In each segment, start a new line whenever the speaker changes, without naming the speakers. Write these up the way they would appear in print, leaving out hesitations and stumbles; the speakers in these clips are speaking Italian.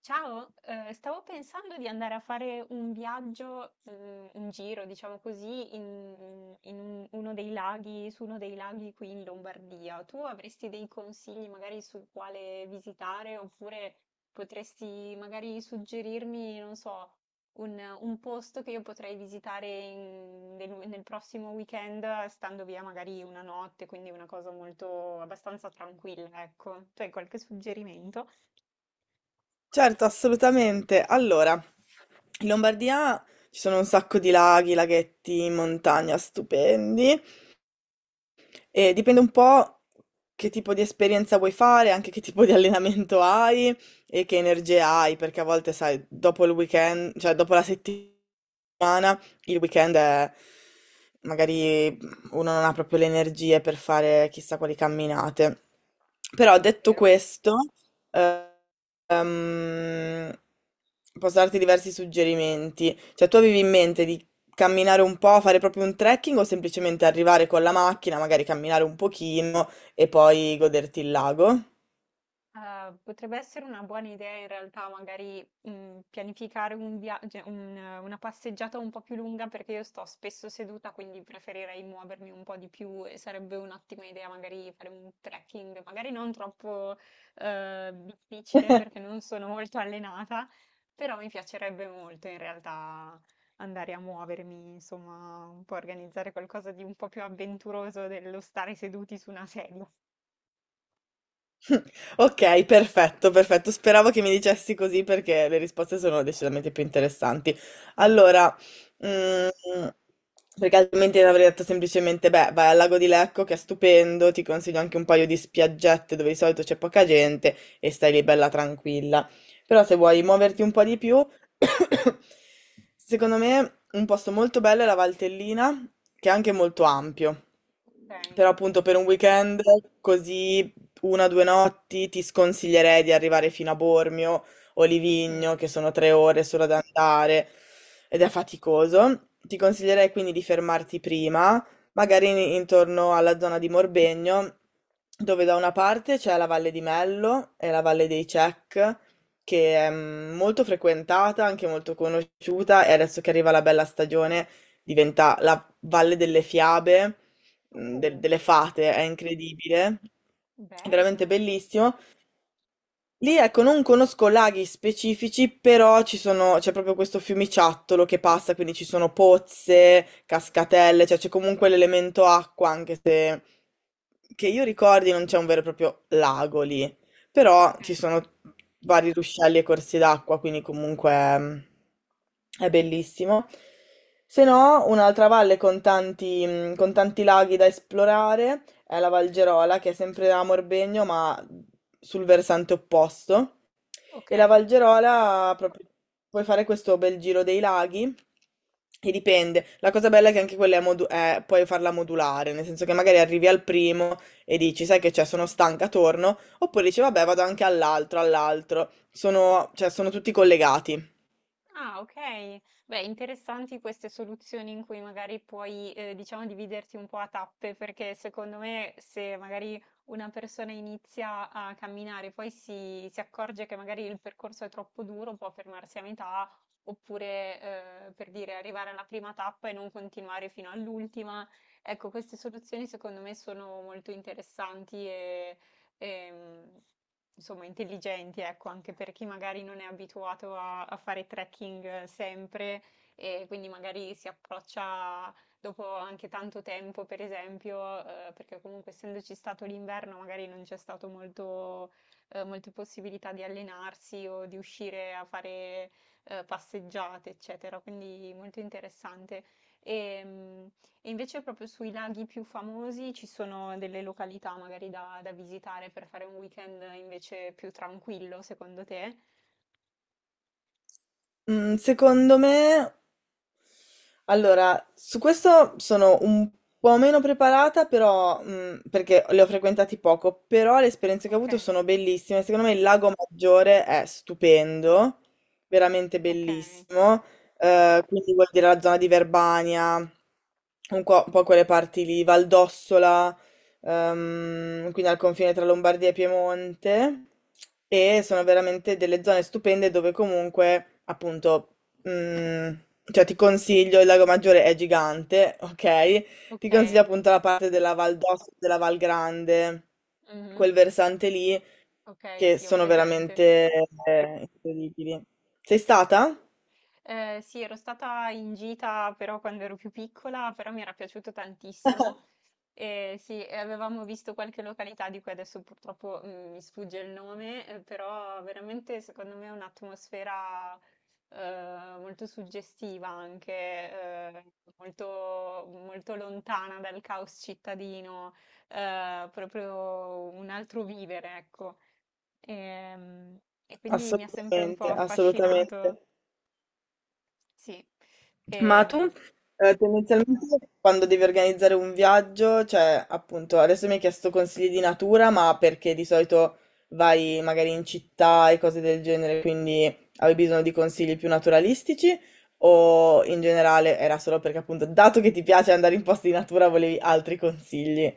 Ciao, stavo pensando di andare a fare un viaggio, un giro, diciamo così, uno dei laghi, su uno dei laghi qui in Lombardia. Tu avresti dei consigli magari su quale visitare, oppure potresti magari suggerirmi, non so, un posto che io potrei nel, nel prossimo weekend, stando via magari una notte, quindi una cosa molto abbastanza tranquilla, ecco. Tu hai qualche suggerimento?
Certo, assolutamente. Allora, in Lombardia ci sono un sacco di laghi, laghetti, in montagna stupendi. Dipende un po' che tipo di esperienza vuoi fare, anche che tipo di allenamento hai e che energie hai, perché a volte, sai, dopo il weekend, cioè dopo la settimana, il weekend è, magari uno non ha proprio le energie per fare chissà quali camminate. Però detto
Vero.
questo, eh, ehm, posso darti diversi suggerimenti. Cioè, tu avevi in mente di camminare un po', fare proprio un trekking o semplicemente arrivare con la macchina, magari camminare un pochino e poi goderti il lago?
Potrebbe essere una buona idea in realtà magari pianificare un viaggio, una passeggiata un po' più lunga perché io sto spesso seduta, quindi preferirei muovermi un po' di più e sarebbe un'ottima idea magari fare un trekking, magari non troppo difficile perché non sono molto allenata, però mi piacerebbe molto in realtà andare a muovermi, insomma, un po' organizzare qualcosa di un po' più avventuroso dello stare seduti su una sedia.
Ok, perfetto, perfetto. Speravo che mi dicessi così perché le risposte sono decisamente più interessanti.
Mm.
Allora, mm, perché altrimenti avrei detto semplicemente, beh, vai al lago di Lecco che è stupendo, ti consiglio anche un paio di spiaggette dove di solito c'è poca gente e stai lì bella tranquilla. Però se vuoi muoverti un po' di più, secondo me un posto molto bello è la Valtellina, che è anche molto ampio.
Ok.
Però appunto per un weekend così una o 2 notti ti sconsiglierei di arrivare fino a Bormio o
Mm.
Livigno, che sono 3 ore solo ad andare ed è faticoso. Ti consiglierei quindi di fermarti prima, magari intorno alla zona di Morbegno, dove da una parte c'è la Valle di Mello e la Valle dei Cech, che è molto frequentata, anche molto conosciuta, e adesso che arriva la bella stagione diventa la Valle delle Fiabe mh, de-
Oh,
delle fate, è incredibile, è veramente
bello.
bellissimo. Lì, ecco, non conosco laghi specifici, però ci sono, c'è proprio questo fiumiciattolo che passa, quindi ci sono pozze, cascatelle, cioè c'è comunque l'elemento acqua, anche se che io ricordi non c'è un vero e proprio lago lì, però
Ok,
ci sono vari ruscelli e corsi d'acqua, quindi comunque è bellissimo. Se no, un'altra valle con con tanti laghi da esplorare è la Valgerola, che è sempre a Morbegno, ma sul versante opposto.
ok.
E la Valgerola, proprio, puoi fare questo bel giro dei laghi. E dipende. La cosa bella è che anche quella è puoi farla modulare, nel senso che magari arrivi al primo e dici, sai che c'è, sono stanca, torno, oppure dici, vabbè, vado anche all'altro, all'altro. Sono, cioè, sono tutti collegati.
Ah, ok. Beh, interessanti queste soluzioni in cui magari puoi, diciamo, dividerti un po' a tappe, perché secondo me se magari una persona inizia a camminare, poi si accorge che magari il percorso è troppo duro, può fermarsi a metà, oppure, per dire, arrivare alla prima tappa e non continuare fino all'ultima. Ecco, queste soluzioni secondo me sono molto interessanti e... Ehm, Insomma intelligenti, ecco, anche per chi magari non è abituato a fare trekking sempre e quindi magari si approccia dopo anche tanto tempo, per esempio, perché comunque essendoci stato l'inverno magari non c'è stato molto, molte possibilità di allenarsi o di uscire a fare passeggiate, eccetera, quindi molto interessante. E, e invece proprio sui laghi più famosi ci sono delle località magari da visitare per fare un weekend invece più tranquillo, secondo te?
Mm, secondo me Allora, su questo sono un po' meno preparata, però, perché le ho frequentati poco, però le esperienze che ho
Ok,
avuto sono bellissime. Secondo me il Lago Maggiore è stupendo, veramente
ok,
bellissimo. Quindi vuol dire la zona di Verbania, un po' quelle parti lì, Valdossola, quindi al confine tra Lombardia e Piemonte. E sono veramente delle zone stupende dove comunque appunto Mm, cioè ti consiglio, il Lago Maggiore è gigante, ok? Ti
ok,
consiglio appunto la parte della Val d'Osso, della Val Grande,
mhm,
quel versante lì,
ok,
che
sì, ho
sono
presente.
veramente incredibili. Sei stata?
Sì, ero stata in gita però quando ero più piccola, però mi era piaciuto tantissimo. Sì, e avevamo visto qualche località di cui adesso purtroppo mi sfugge il nome, però veramente secondo me è un'atmosfera molto suggestiva anche, molto, molto lontana dal caos cittadino, proprio un altro vivere, ecco. Ehm, quindi mi ha sempre un
Assolutamente,
po' affascinato,
assolutamente.
sì.
Ma tu?
Ehm,
Tendenzialmente quando devi organizzare un viaggio, cioè appunto adesso mi hai chiesto consigli di natura, ma perché di solito vai magari in città e cose del genere, quindi avevi bisogno di consigli più naturalistici o in generale era solo perché appunto dato che ti piace andare in posti di natura volevi altri consigli?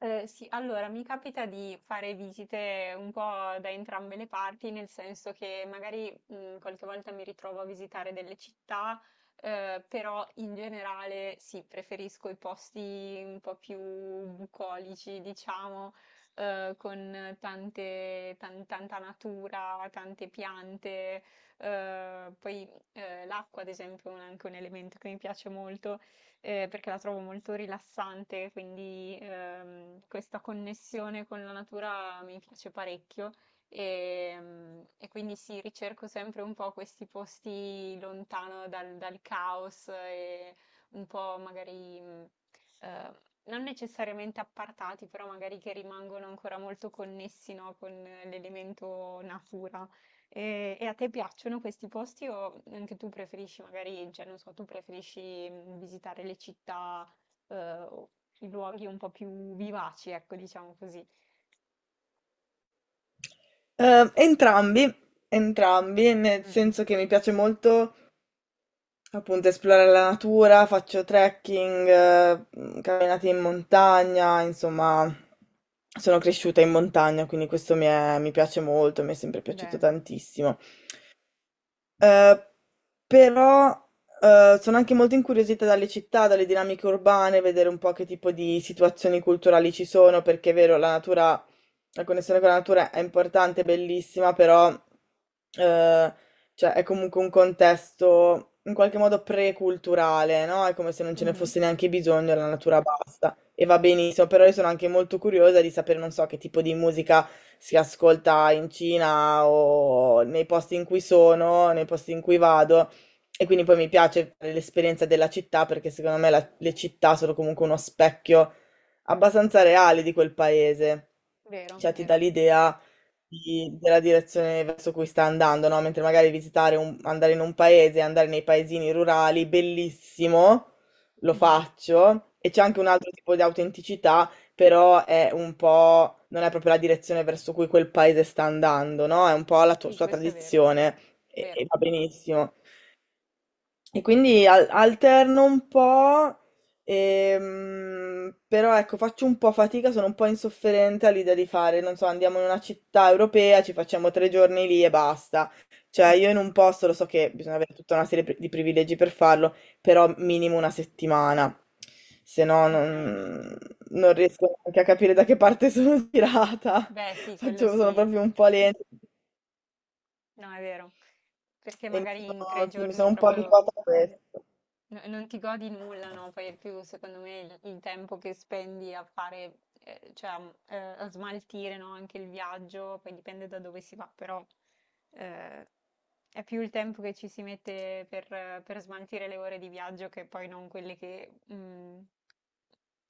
Sì, allora mi capita di fare visite un po' da entrambe le parti, nel senso che magari qualche volta mi ritrovo a visitare delle città, però in generale sì, preferisco i posti un po' più bucolici, diciamo, con tante, tanta natura, tante piante, poi l'acqua, ad esempio, anche un elemento che mi piace molto perché la trovo molto rilassante, quindi questa connessione con la natura mi piace parecchio. E quindi sì, ricerco sempre un po' questi posti lontano dal caos e un po' magari eh, non necessariamente appartati, però magari che rimangono ancora molto connessi, no, con l'elemento natura. E a te piacciono questi posti o anche tu preferisci magari, cioè non so, tu preferisci visitare le città, eh, o i luoghi un po' più vivaci, ecco, diciamo così.
Entrambi, entrambi, nel
Mm, mm.
senso che mi piace molto. Appunto, esplorare la natura, faccio trekking, camminate in montagna, insomma, sono cresciuta in montagna, quindi questo mi, mi piace molto, mi è sempre piaciuto
Bello.
tantissimo. Eh, però sono anche molto incuriosita dalle città, dalle dinamiche urbane, vedere un po' che tipo di situazioni culturali ci sono, perché è vero, la natura, la connessione con la natura è importante, è bellissima, però eh, cioè, è comunque un contesto in qualche modo preculturale, no? È come se non ce ne
Mhm.
fosse neanche bisogno, la natura basta e va benissimo, però io sono anche molto curiosa di sapere, non so, che tipo di musica si ascolta in Cina o nei posti in cui sono, nei posti in cui vado. E quindi poi mi piace fare l'esperienza della città perché secondo me le città sono comunque uno specchio abbastanza reale di quel paese.
Vero,
Cioè ti
vero.
dà l'idea della direzione verso cui sta andando, no? Mentre magari visitare un, andare in un paese, andare nei paesini rurali, bellissimo, lo
Mhm.
faccio. E c'è anche un altro tipo di autenticità, però è un po', non è proprio la direzione verso cui quel paese sta andando, no? È un po' la
Sì,
sua
questo è vero,
tradizione e,
vero.
e va benissimo. E quindi alterno un po', però ecco, faccio un po' fatica, sono un po' insofferente all'idea di fare, non so, andiamo in una città europea, ci facciamo 3 giorni lì e basta. Cioè,
Mm.
io in un posto lo so che bisogna avere tutta una serie di privilegi per farlo, però minimo una settimana, se no
Ok.
non riesco neanche a capire da che parte sono tirata.
Beh, sì, quello
Faccio, sono
sì.
proprio un po' lenta
No, è vero. Perché
e mi
magari in tre
sono, sì, mi
giorni
sono un po'
proprio
abituata a questo.
no, e non ti godi nulla, no? Poi è più, secondo me, il tempo che spendi a fare, a smaltire, no? Anche il viaggio, poi dipende da dove si va, però eh, è più il tempo che ci si mette per smaltire le ore di viaggio che poi non quelle che,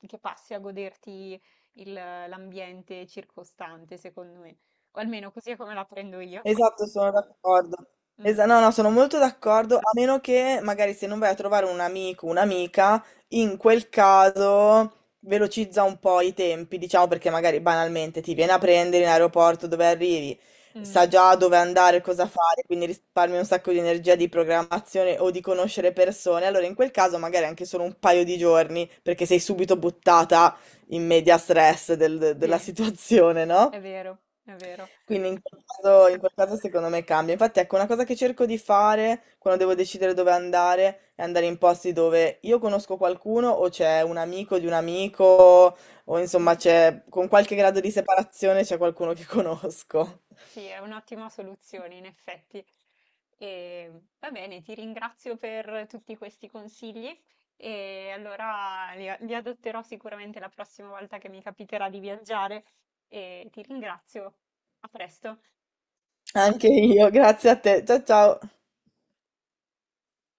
che passi a goderti l'ambiente circostante, secondo me. O almeno così è come la prendo io.
Esatto, sono d'accordo.
Mm,
No, no, sono molto d'accordo, a meno che magari se non vai a trovare un amico, un'amica, in quel caso velocizza un po' i tempi, diciamo, perché magari banalmente ti viene a prendere in aeroporto dove arrivi, sa
mm,
già dove andare, cosa fare, quindi risparmi un sacco di energia di programmazione o di conoscere persone. Allora, in quel caso magari anche solo un paio di giorni, perché sei subito buttata in media stress della
sì,
situazione, no?
è vero, è vero.
Quindi in quel caso secondo me cambia. Infatti, ecco, una cosa che cerco di fare quando devo decidere dove andare è andare in posti dove io conosco qualcuno o c'è un amico di un amico o insomma
Mm.
c'è con qualche grado di separazione c'è qualcuno che conosco.
Sì, è un'ottima soluzione, in effetti. E, va bene, ti ringrazio per tutti questi consigli e allora li adotterò sicuramente la prossima volta che mi capiterà di viaggiare e ti ringrazio. A presto.
Anche io, grazie a te. Ciao ciao.